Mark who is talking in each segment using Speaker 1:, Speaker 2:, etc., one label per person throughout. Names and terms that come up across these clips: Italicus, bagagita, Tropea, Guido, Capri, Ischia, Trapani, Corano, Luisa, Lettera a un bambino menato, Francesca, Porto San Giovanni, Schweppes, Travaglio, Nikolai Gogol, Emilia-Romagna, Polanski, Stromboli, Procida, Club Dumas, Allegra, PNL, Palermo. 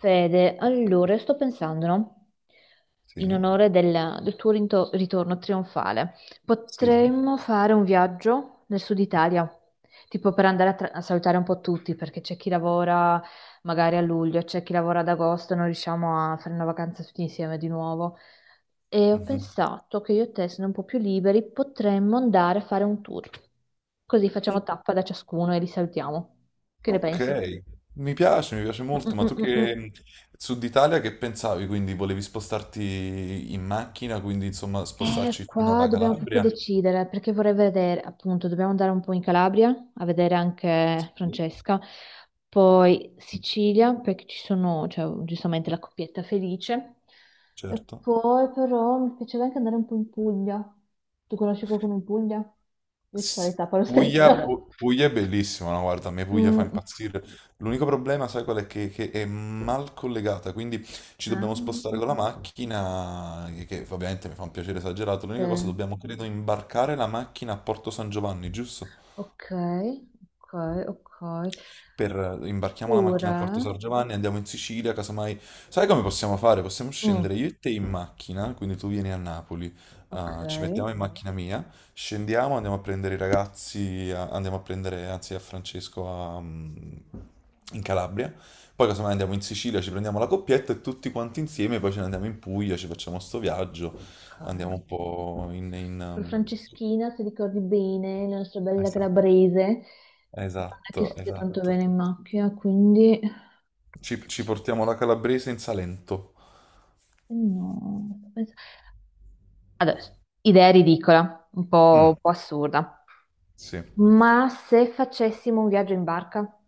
Speaker 1: Fede, allora, sto pensando, no?
Speaker 2: Sì,
Speaker 1: In onore del tuo ritorno trionfale,
Speaker 2: sì.
Speaker 1: potremmo fare un viaggio nel sud Italia, tipo per andare a salutare un po' tutti, perché c'è chi lavora magari a luglio, c'è chi lavora ad agosto, non riusciamo a fare una vacanza tutti insieme di nuovo. E ho
Speaker 2: Mhm.
Speaker 1: pensato che io e te, sono un po' più liberi, potremmo andare a fare un tour. Così facciamo tappa da ciascuno e li salutiamo. Che ne pensi?
Speaker 2: Ok, mi piace molto, ma tu
Speaker 1: Mm-mm-mm-mm.
Speaker 2: che Sud Italia che pensavi? Quindi volevi spostarti in macchina, quindi insomma
Speaker 1: Eh,
Speaker 2: spostarci fino
Speaker 1: qua
Speaker 2: alla
Speaker 1: dobbiamo proprio
Speaker 2: Calabria?
Speaker 1: decidere perché vorrei vedere, appunto, dobbiamo andare un po' in Calabria a vedere anche
Speaker 2: Sì,
Speaker 1: Francesca, poi Sicilia perché ci sono, cioè, giustamente la coppietta felice, e
Speaker 2: certo.
Speaker 1: poi però mi piacerebbe anche andare un po' in Puglia. Tu conosci qualcuno in Puglia? Io ci
Speaker 2: Sì.
Speaker 1: farei tappa lo stesso.
Speaker 2: Puglia, Pu- Puglia è bellissima, no? Guarda, a me Puglia fa
Speaker 1: Mm,
Speaker 2: impazzire. L'unico problema, sai qual è? Che è mal collegata, quindi ci
Speaker 1: ah,
Speaker 2: dobbiamo spostare con la macchina, che ovviamente mi fa un piacere esagerato. L'unica cosa,
Speaker 1: eh,
Speaker 2: dobbiamo credo imbarcare la macchina a Porto San Giovanni, giusto?
Speaker 1: ok, ok, ok.
Speaker 2: Imbarchiamo la macchina a
Speaker 1: Pure,
Speaker 2: Porto San Giovanni, andiamo in Sicilia, casomai. Sai come possiamo fare? Possiamo
Speaker 1: mm,
Speaker 2: scendere io e te in macchina, quindi tu vieni a Napoli,
Speaker 1: ok.
Speaker 2: ah, ci mettiamo in macchina mia, scendiamo, andiamo a prendere i ragazzi, andiamo a prendere, anzi, a Francesco a, in Calabria, poi casomai andiamo in Sicilia, ci prendiamo la coppietta e tutti quanti insieme, poi ce ne andiamo in Puglia, ci facciamo sto viaggio,
Speaker 1: Ok.
Speaker 2: andiamo un po' in... in,
Speaker 1: Poi
Speaker 2: um,
Speaker 1: Franceschina, se ricordi bene, la nostra bella
Speaker 2: Esatto,
Speaker 1: calabrese, non è che
Speaker 2: esatto.
Speaker 1: stia tanto
Speaker 2: Esatto.
Speaker 1: bene in macchina, quindi
Speaker 2: Ci portiamo la calabrese in Salento.
Speaker 1: no. Adesso, idea ridicola, un po', un
Speaker 2: Mm,
Speaker 1: po' assurda.
Speaker 2: sì,
Speaker 1: Ma se facessimo un viaggio in barca,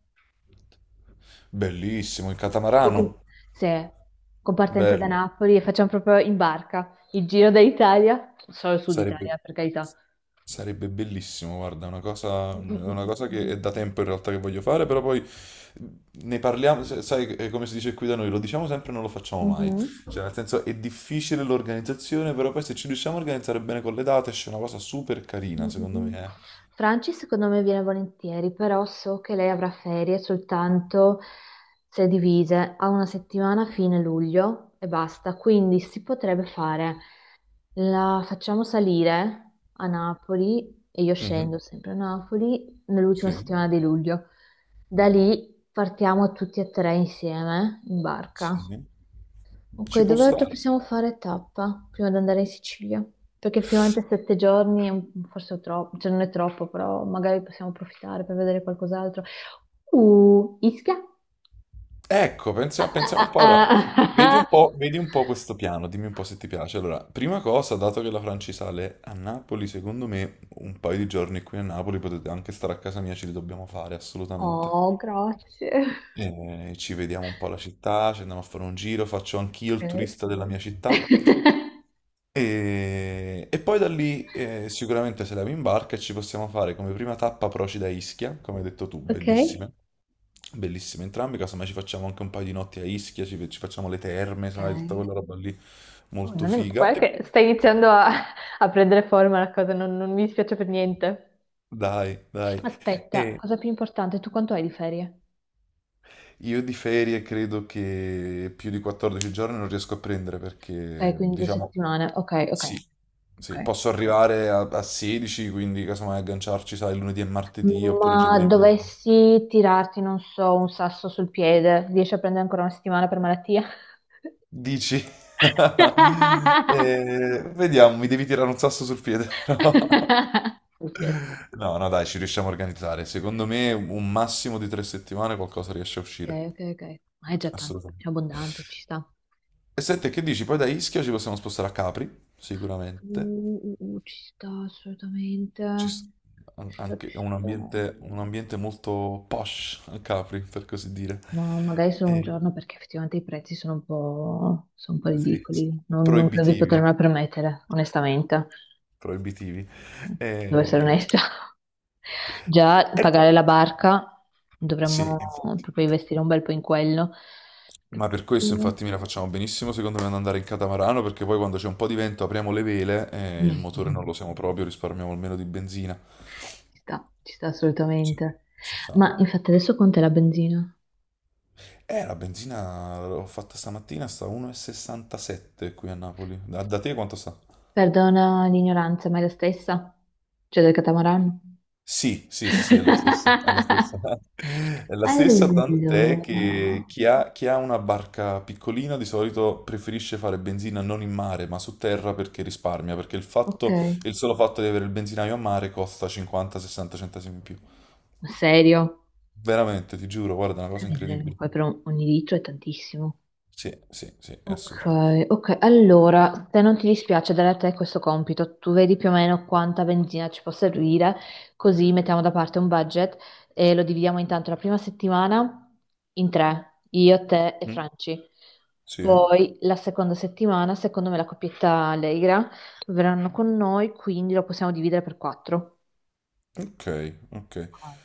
Speaker 2: bellissimo il
Speaker 1: tipo con,
Speaker 2: catamarano.
Speaker 1: se, con partenza da
Speaker 2: Bello,
Speaker 1: Napoli e facciamo proprio in barca il giro d'Italia, solo il sud
Speaker 2: sarebbe,
Speaker 1: Italia, per carità.
Speaker 2: sarebbe bellissimo. Guarda, è una cosa,
Speaker 1: Mm,
Speaker 2: è
Speaker 1: mm,
Speaker 2: una cosa che è
Speaker 1: mm,
Speaker 2: da tempo in realtà che voglio fare, però poi ne parliamo. Sai, è come si dice qui da noi, lo diciamo sempre e non lo
Speaker 1: mm.
Speaker 2: facciamo mai.
Speaker 1: Mhm.
Speaker 2: Cioè, nel senso, è difficile l'organizzazione, però poi se ci riusciamo a organizzare bene con le date, esce una cosa super
Speaker 1: Mm,
Speaker 2: carina,
Speaker 1: mm,
Speaker 2: secondo
Speaker 1: mm.
Speaker 2: me.
Speaker 1: Franci secondo me viene volentieri, però so che lei avrà ferie soltanto se divise a una settimana a fine luglio e basta, quindi si potrebbe fare, la facciamo salire a Napoli e io
Speaker 2: Eh. Mhm,
Speaker 1: scendo sempre a Napoli nell'ultima
Speaker 2: sì,
Speaker 1: settimana di luglio. Da lì partiamo tutti e tre insieme in barca.
Speaker 2: sì,
Speaker 1: Ok,
Speaker 2: ci può
Speaker 1: dove altro
Speaker 2: stare.
Speaker 1: possiamo fare tappa prima di andare in Sicilia? Perché effettivamente 7 giorni forse è troppo, cioè non è troppo, però magari possiamo approfittare per vedere qualcos'altro. Ischia?
Speaker 2: Ecco, pensiamo, pensiamo un
Speaker 1: Ah,
Speaker 2: po'. Allora,
Speaker 1: ah, ah, ah, ah.
Speaker 2: vedi un po' questo piano, dimmi un po' se ti piace. Allora, prima cosa, dato che la Franci sale a Napoli, secondo me un paio di giorni qui a Napoli potete anche stare a casa mia, ce li dobbiamo fare assolutamente.
Speaker 1: Oh, grazie.
Speaker 2: E ci vediamo un po' la città, ci andiamo a fare un giro, faccio anch'io il
Speaker 1: Ok.
Speaker 2: turista della mia città. E poi da lì sicuramente se la in barca e ci possiamo fare come prima tappa Procida e Ischia, come hai detto tu,
Speaker 1: Ok?
Speaker 2: bellissime. Bellissime entrambe, casomai ci facciamo anche un paio di notti a Ischia, ci facciamo le terme,
Speaker 1: Ok.
Speaker 2: sai, tutta quella roba lì
Speaker 1: Oh,
Speaker 2: molto
Speaker 1: non è.
Speaker 2: figa.
Speaker 1: Guarda
Speaker 2: E-
Speaker 1: che sta iniziando a prendere forma la cosa, non mi dispiace per niente.
Speaker 2: Dai, dai.
Speaker 1: Aspetta,
Speaker 2: E
Speaker 1: cosa più importante, tu quanto hai di ferie?
Speaker 2: io di ferie credo che più di 14 giorni non riesco a prendere
Speaker 1: Ok,
Speaker 2: perché,
Speaker 1: quindi due
Speaker 2: diciamo,
Speaker 1: settimane. Ok, ok,
Speaker 2: sì, sì,
Speaker 1: ok.
Speaker 2: posso arrivare a 16, quindi casomai agganciarci, sai, lunedì e martedì oppure
Speaker 1: Ma
Speaker 2: giovedì e venerdì.
Speaker 1: dovessi tirarti, non so, un sasso sul piede, riesci a prendere ancora una settimana per malattia?
Speaker 2: Dici? Vediamo, mi devi tirare un sasso sul piede, però.
Speaker 1: Ok,
Speaker 2: No, no, dai, ci riusciamo a organizzare. Secondo me un massimo di 3 settimane qualcosa riesce a
Speaker 1: ok,
Speaker 2: uscire.
Speaker 1: ok. Ok. Ma è già tanto,
Speaker 2: Assolutamente.
Speaker 1: è abbondante, ci sta.
Speaker 2: E senti, che dici? Poi da Ischia ci possiamo spostare a Capri, sicuramente.
Speaker 1: Ci sta assolutamente.
Speaker 2: Ci s- an-
Speaker 1: Ci sta, ci
Speaker 2: anche è un
Speaker 1: sta.
Speaker 2: ambiente, un ambiente molto posh a Capri, per così dire.
Speaker 1: Ma magari solo un
Speaker 2: Eh,
Speaker 1: giorno perché effettivamente i prezzi sono un po'
Speaker 2: sì, sì.
Speaker 1: ridicoli. Non credo di
Speaker 2: Proibitivi,
Speaker 1: potermela permettere, onestamente.
Speaker 2: proibitivi.
Speaker 1: Devo essere
Speaker 2: Eh,
Speaker 1: onesta. Già
Speaker 2: e-
Speaker 1: pagare la barca,
Speaker 2: sì,
Speaker 1: dovremmo
Speaker 2: infatti.
Speaker 1: proprio investire un bel po' in quello.
Speaker 2: Ma per questo
Speaker 1: Mm.
Speaker 2: infatti me la facciamo benissimo secondo me ad andare in catamarano perché poi quando c'è un po' di vento apriamo le vele e il motore non lo usiamo proprio, risparmiamo almeno di benzina.
Speaker 1: Ci sta
Speaker 2: Sì,
Speaker 1: assolutamente.
Speaker 2: ci sta.
Speaker 1: Ma infatti adesso quant'è la benzina?
Speaker 2: La benzina l'ho fatta stamattina, sta 1,67 qui a Napoli. Da te quanto sta?
Speaker 1: Perdona l'ignoranza, ma è la stessa? Cioè del catamarano?
Speaker 2: Sì, sì, sì, sì, è la stessa, è la stessa. È la stessa, tant'è
Speaker 1: Allora,
Speaker 2: che chi ha una barca piccolina di solito preferisce fare benzina non in mare, ma su terra perché risparmia, perché il fatto,
Speaker 1: ok.
Speaker 2: il solo fatto di avere il benzinaio a mare costa 50-60 centesimi in più.
Speaker 1: Ma serio?
Speaker 2: Veramente, ti giuro, guarda, è una
Speaker 1: Che
Speaker 2: cosa
Speaker 1: miseria.
Speaker 2: incredibile.
Speaker 1: Ogni litro è tantissimo.
Speaker 2: Sì, sì, sì, è
Speaker 1: Ok,
Speaker 2: assurdo.
Speaker 1: ok, allora, se non ti dispiace dare a te questo compito, tu vedi più o meno quanta benzina ci può servire, così mettiamo da parte un budget e lo dividiamo intanto la prima settimana in tre, io, te e
Speaker 2: Mm.
Speaker 1: Franci.
Speaker 2: Sì, eh?
Speaker 1: Poi la seconda settimana, secondo me la coppietta Allegra verranno con noi, quindi lo possiamo dividere per quattro.
Speaker 2: Ok, ok.
Speaker 1: Ok,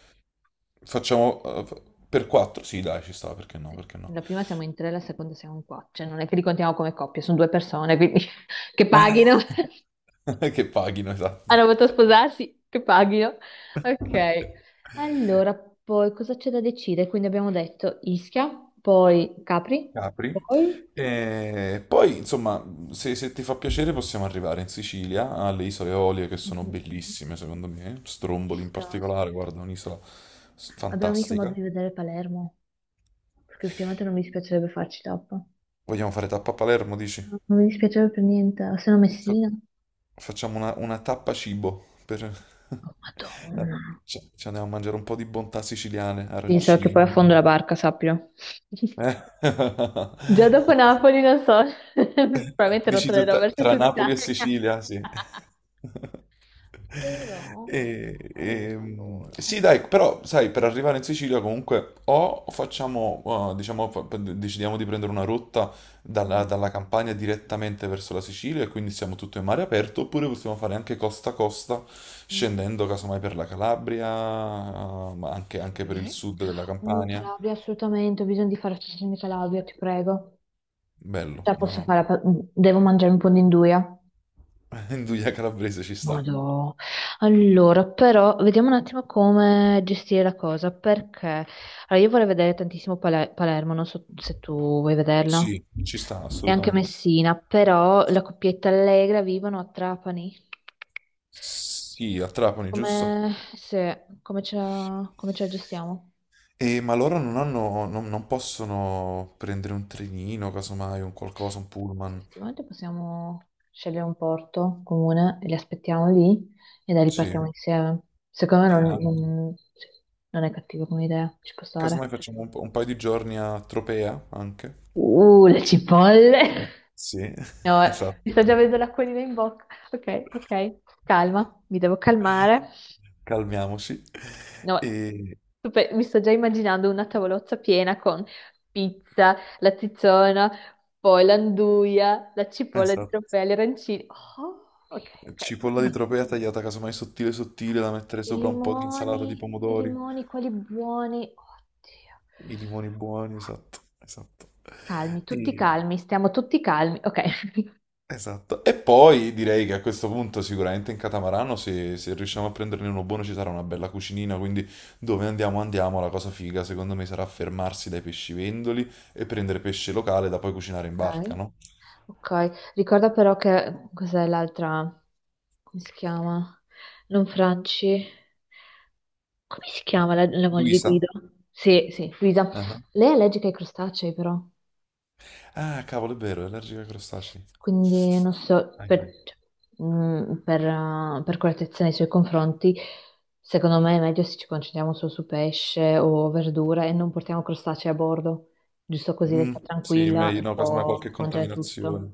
Speaker 2: Facciamo per 4? Sì, dai, ci sta, perché no,
Speaker 1: sì.
Speaker 2: perché no?
Speaker 1: La prima siamo in tre, la seconda siamo in quattro, cioè non è che li contiamo come coppie, sono due persone, quindi che paghino.
Speaker 2: Che paghino, esatto.
Speaker 1: Hanno voluto sposarsi? Che paghino. Ok. Allora, poi cosa c'è da decidere? Quindi abbiamo detto Ischia, poi Capri.
Speaker 2: Capri.
Speaker 1: poi...
Speaker 2: E poi, insomma, se ti fa piacere possiamo arrivare in Sicilia, alle isole Eolie che sono
Speaker 1: Mm,
Speaker 2: bellissime, secondo me.
Speaker 1: ci
Speaker 2: Stromboli in
Speaker 1: sta.
Speaker 2: particolare, guarda, è un'isola
Speaker 1: Abbiamo mica modo
Speaker 2: fantastica.
Speaker 1: di vedere Palermo, perché ultimamente non mi dispiacerebbe farci tappa.
Speaker 2: Vogliamo fare tappa a Palermo, dici?
Speaker 1: Non mi dispiacerebbe per niente, o se no
Speaker 2: Fa-
Speaker 1: Messina.
Speaker 2: Facciamo una tappa cibo per.
Speaker 1: Oh,
Speaker 2: Eh,
Speaker 1: Madonna.
Speaker 2: ci andiamo a mangiare un po' di bontà siciliane,
Speaker 1: Sì, so che poi affondo
Speaker 2: arancini.
Speaker 1: la barca, sappilo.
Speaker 2: Eh?
Speaker 1: Già dopo Napoli, non so, probabilmente non
Speaker 2: Dici tu
Speaker 1: tornerò
Speaker 2: tra,
Speaker 1: verso
Speaker 2: tra
Speaker 1: sud
Speaker 2: Napoli e
Speaker 1: Italia.
Speaker 2: Sicilia, sì.
Speaker 1: Però, allora,
Speaker 2: Sì, dai, però sai, per arrivare in Sicilia comunque o facciamo, diciamo, decidiamo di prendere una rotta dalla,
Speaker 1: mm,
Speaker 2: dalla Campania direttamente verso la Sicilia e quindi siamo tutto in mare aperto, oppure possiamo fare anche costa a costa,
Speaker 1: mm,
Speaker 2: scendendo casomai per la Calabria, ma anche per il
Speaker 1: sì.
Speaker 2: sud della Campania.
Speaker 1: Calabria, assolutamente, ho bisogno di fare stagione di Calabria, ti prego.
Speaker 2: Bello,
Speaker 1: Cioè,
Speaker 2: no,
Speaker 1: posso
Speaker 2: no.
Speaker 1: fare, devo mangiare un po' di induia.
Speaker 2: Induja calabrese ci sta.
Speaker 1: Madò. Allora, però, vediamo un attimo come gestire la cosa, perché allora, io vorrei vedere tantissimo Palermo, non so se tu vuoi vederla,
Speaker 2: Sì, ci sta
Speaker 1: e anche
Speaker 2: assolutamente.
Speaker 1: Messina, però la coppietta Allegra vivono a Trapani.
Speaker 2: Sì, a Trapani,
Speaker 1: Come,
Speaker 2: giusto?
Speaker 1: se, come ce la gestiamo?
Speaker 2: E, ma loro non hanno, non possono prendere un trenino, casomai, un qualcosa, un
Speaker 1: Sì,
Speaker 2: pullman.
Speaker 1: effettivamente possiamo scegliere un porto comune e li aspettiamo lì e da lì
Speaker 2: Sì.
Speaker 1: partiamo insieme. Secondo me
Speaker 2: Anche.
Speaker 1: sì, non è cattiva come idea, ci può stare.
Speaker 2: Casomai facciamo un paio di giorni a Tropea anche.
Speaker 1: Le cipolle!
Speaker 2: Sì,
Speaker 1: No,
Speaker 2: esatto.
Speaker 1: mi sta già vedendo l'acquolina in bocca. Ok, ok, calma, mi devo calmare.
Speaker 2: Calmiamoci.
Speaker 1: No,
Speaker 2: E,
Speaker 1: mi sto già immaginando una tavolozza piena con pizza, la tizzona, poi l'anduia, la cipolla di
Speaker 2: esatto.
Speaker 1: trofeo, gli arancini. Oh, ok, ok.
Speaker 2: Cipolla di
Speaker 1: Madonna.
Speaker 2: Tropea tagliata casomai sottile sottile da mettere sopra un po' di insalata di
Speaker 1: I
Speaker 2: pomodori.
Speaker 1: limoni, quelli buoni. Oddio.
Speaker 2: I limoni buoni, esatto, esatto.
Speaker 1: Calmi, tutti
Speaker 2: E-
Speaker 1: calmi, stiamo tutti calmi. Ok.
Speaker 2: Esatto, e poi direi che a questo punto sicuramente in catamarano se riusciamo a prenderne uno buono ci sarà una bella cucinina, quindi dove andiamo andiamo, la cosa figa secondo me sarà fermarsi dai pescivendoli e prendere pesce locale da poi cucinare in barca,
Speaker 1: Ok.
Speaker 2: no?
Speaker 1: Ok, ricorda però che cos'è l'altra, come si chiama? Non Franci. Come si chiama la moglie di
Speaker 2: Luisa?
Speaker 1: Guido? Sì, sì, Luisa.
Speaker 2: Ah,
Speaker 1: Lei è allergica ai crostacei, però,
Speaker 2: ah, cavolo, è vero, è allergica ai crostacei.
Speaker 1: quindi non so, per,
Speaker 2: Ahia.
Speaker 1: cioè, per correttezza nei suoi confronti, secondo me è meglio se ci concentriamo solo su pesce o verdure e non portiamo crostacei a bordo, giusto così lei
Speaker 2: Mm,
Speaker 1: sta
Speaker 2: sì,
Speaker 1: tranquilla
Speaker 2: meglio,
Speaker 1: e
Speaker 2: no, casomai
Speaker 1: può
Speaker 2: qualche
Speaker 1: mangiare tutto.
Speaker 2: contaminazione.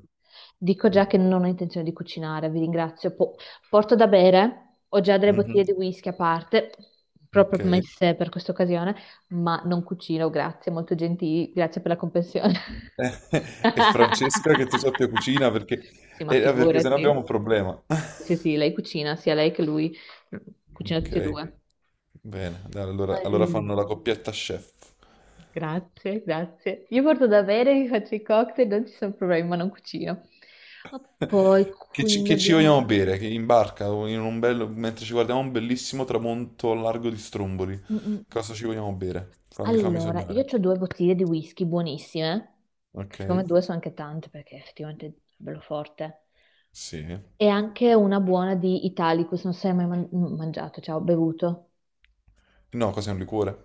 Speaker 1: Dico
Speaker 2: Mm,
Speaker 1: già che non ho intenzione di cucinare, vi ringrazio. Porto da bere, ho già delle
Speaker 2: mhm,
Speaker 1: bottiglie di whisky a parte,
Speaker 2: ok.
Speaker 1: proprio messe per questa occasione. Ma non cucino, grazie, molto gentili, grazie per la comprensione.
Speaker 2: E Francesca che tu sappia cucina perché,
Speaker 1: Sì, ma
Speaker 2: eh, perché se no
Speaker 1: figurati.
Speaker 2: abbiamo un problema.
Speaker 1: Sì, sì, lei cucina, sia lei che lui, cucina tutti e
Speaker 2: Ok.
Speaker 1: due.
Speaker 2: Bene, dai, allora,
Speaker 1: All-
Speaker 2: fanno la coppietta chef.
Speaker 1: Grazie, grazie. Io porto da bere, mi faccio i cocktail, non ci sono problemi, ma non cucino. Ma poi
Speaker 2: Che ci,
Speaker 1: quindi
Speaker 2: che ci
Speaker 1: abbiamo.
Speaker 2: vogliamo bere? Che in barca, o mentre ci guardiamo un bellissimo tramonto al largo di Stromboli.
Speaker 1: Mm, mm.
Speaker 2: Cosa ci vogliamo bere? Fammi
Speaker 1: Allora, io
Speaker 2: sognare.
Speaker 1: ho due bottiglie di whisky buonissime, che
Speaker 2: Ok?
Speaker 1: secondo me due sono anche tante perché effettivamente è bello forte.
Speaker 2: Sì.
Speaker 1: E anche una buona di Italicus, non so se hai mai mangiato, cioè ho bevuto.
Speaker 2: No, cos'è un liquore?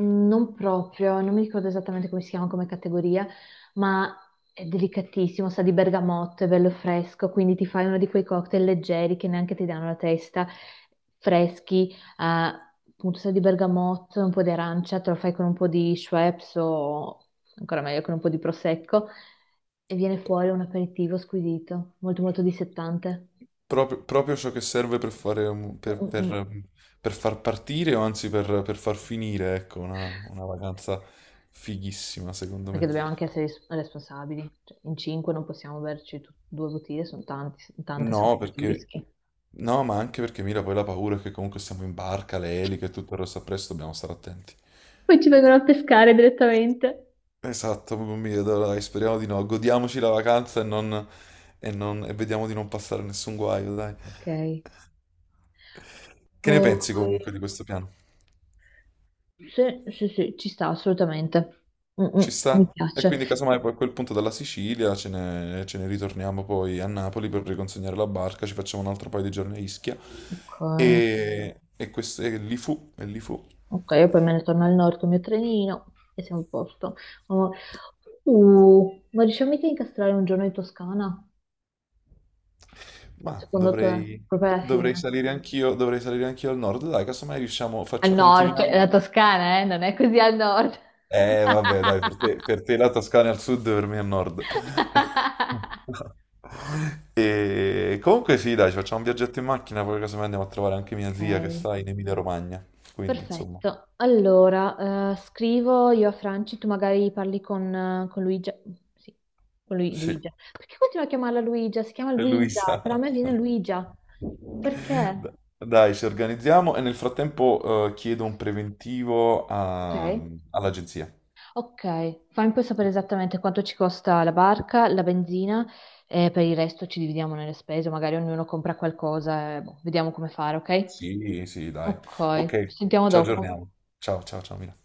Speaker 1: Non proprio, non mi ricordo esattamente come si chiama come categoria, ma è delicatissimo, sa di bergamotto, è bello fresco, quindi ti fai uno di quei cocktail leggeri che neanche ti danno la testa, freschi, appunto sa di bergamotto, un po' di arancia, te lo fai con un po' di Schweppes o ancora meglio con un po' di prosecco e viene fuori un aperitivo squisito, molto molto dissettante.
Speaker 2: Proprio ciò che serve per fare,
Speaker 1: Mm, mm, mm.
Speaker 2: per far partire o anzi per far finire, ecco, una vacanza fighissima, secondo
Speaker 1: Perché
Speaker 2: me.
Speaker 1: dobbiamo anche essere responsabili. Cioè, in cinque non possiamo berci due bottiglie, sono tanti, tante
Speaker 2: No,
Speaker 1: secondo me di whisky.
Speaker 2: no, ma anche perché Mira poi la paura è che comunque siamo in barca, le eliche e tutto il resto appresso, dobbiamo stare attenti.
Speaker 1: Poi ci vengono a pescare direttamente.
Speaker 2: Esatto, proprio mi vedo, dai, speriamo di no. Godiamoci la vacanza e non. E vediamo di non passare nessun guaio, dai.
Speaker 1: Ok.
Speaker 2: Che ne pensi
Speaker 1: Poi.
Speaker 2: comunque di questo piano?
Speaker 1: Sì, sì, sì, ci sta assolutamente. Mm, mm,
Speaker 2: Ci
Speaker 1: mi
Speaker 2: sta? E
Speaker 1: piace.
Speaker 2: quindi casomai poi a quel punto dalla Sicilia ce ne ritorniamo poi a Napoli per riconsegnare la barca, ci facciamo un altro paio di giorni a Ischia.
Speaker 1: Ok,
Speaker 2: E, questo, e lì fu.
Speaker 1: ok, io poi me ne torno al nord con il mio trenino e siamo a posto. Oh, ma riusciamo mica a incastrare un giorno in Toscana?
Speaker 2: Ma
Speaker 1: Secondo te?
Speaker 2: dovrei,
Speaker 1: Proprio alla
Speaker 2: dovrei
Speaker 1: fine?
Speaker 2: salire anch'io, dovrei salire anch'io al nord, dai, casomai riusciamo,
Speaker 1: Al
Speaker 2: faccio,
Speaker 1: nord, cioè,
Speaker 2: continuiamo.
Speaker 1: la Toscana, eh? Non è così al nord.
Speaker 2: Vabbè, dai, per te, la Toscana è al sud, per me è al nord. E comunque sì, dai, ci facciamo un viaggetto in macchina, poi casomai andiamo a trovare anche mia
Speaker 1: Ok,
Speaker 2: zia che sta in Emilia-Romagna, quindi insomma,
Speaker 1: perfetto. Allora, scrivo io a Franci, tu magari parli con Luigia. Sì, con
Speaker 2: sì, e
Speaker 1: Luigia. Perché continuo a chiamarla Luigia? Si chiama
Speaker 2: lui
Speaker 1: Luisa,
Speaker 2: sa.
Speaker 1: però a me viene Luigia. Perché?
Speaker 2: Dai, ci organizziamo e nel frattempo chiedo un preventivo
Speaker 1: Ok,
Speaker 2: all'agenzia.
Speaker 1: ok. Fammi poi sapere esattamente quanto ci costa la barca, la benzina e per il resto ci dividiamo nelle spese, magari ognuno compra qualcosa e boh, vediamo come fare, ok?
Speaker 2: Sì, sì, dai. Ok,
Speaker 1: Ok, ci
Speaker 2: ci
Speaker 1: sentiamo
Speaker 2: Ci aggiorniamo.
Speaker 1: dopo.
Speaker 2: aggiorniamo. Ciao, ciao, ciao, Mila.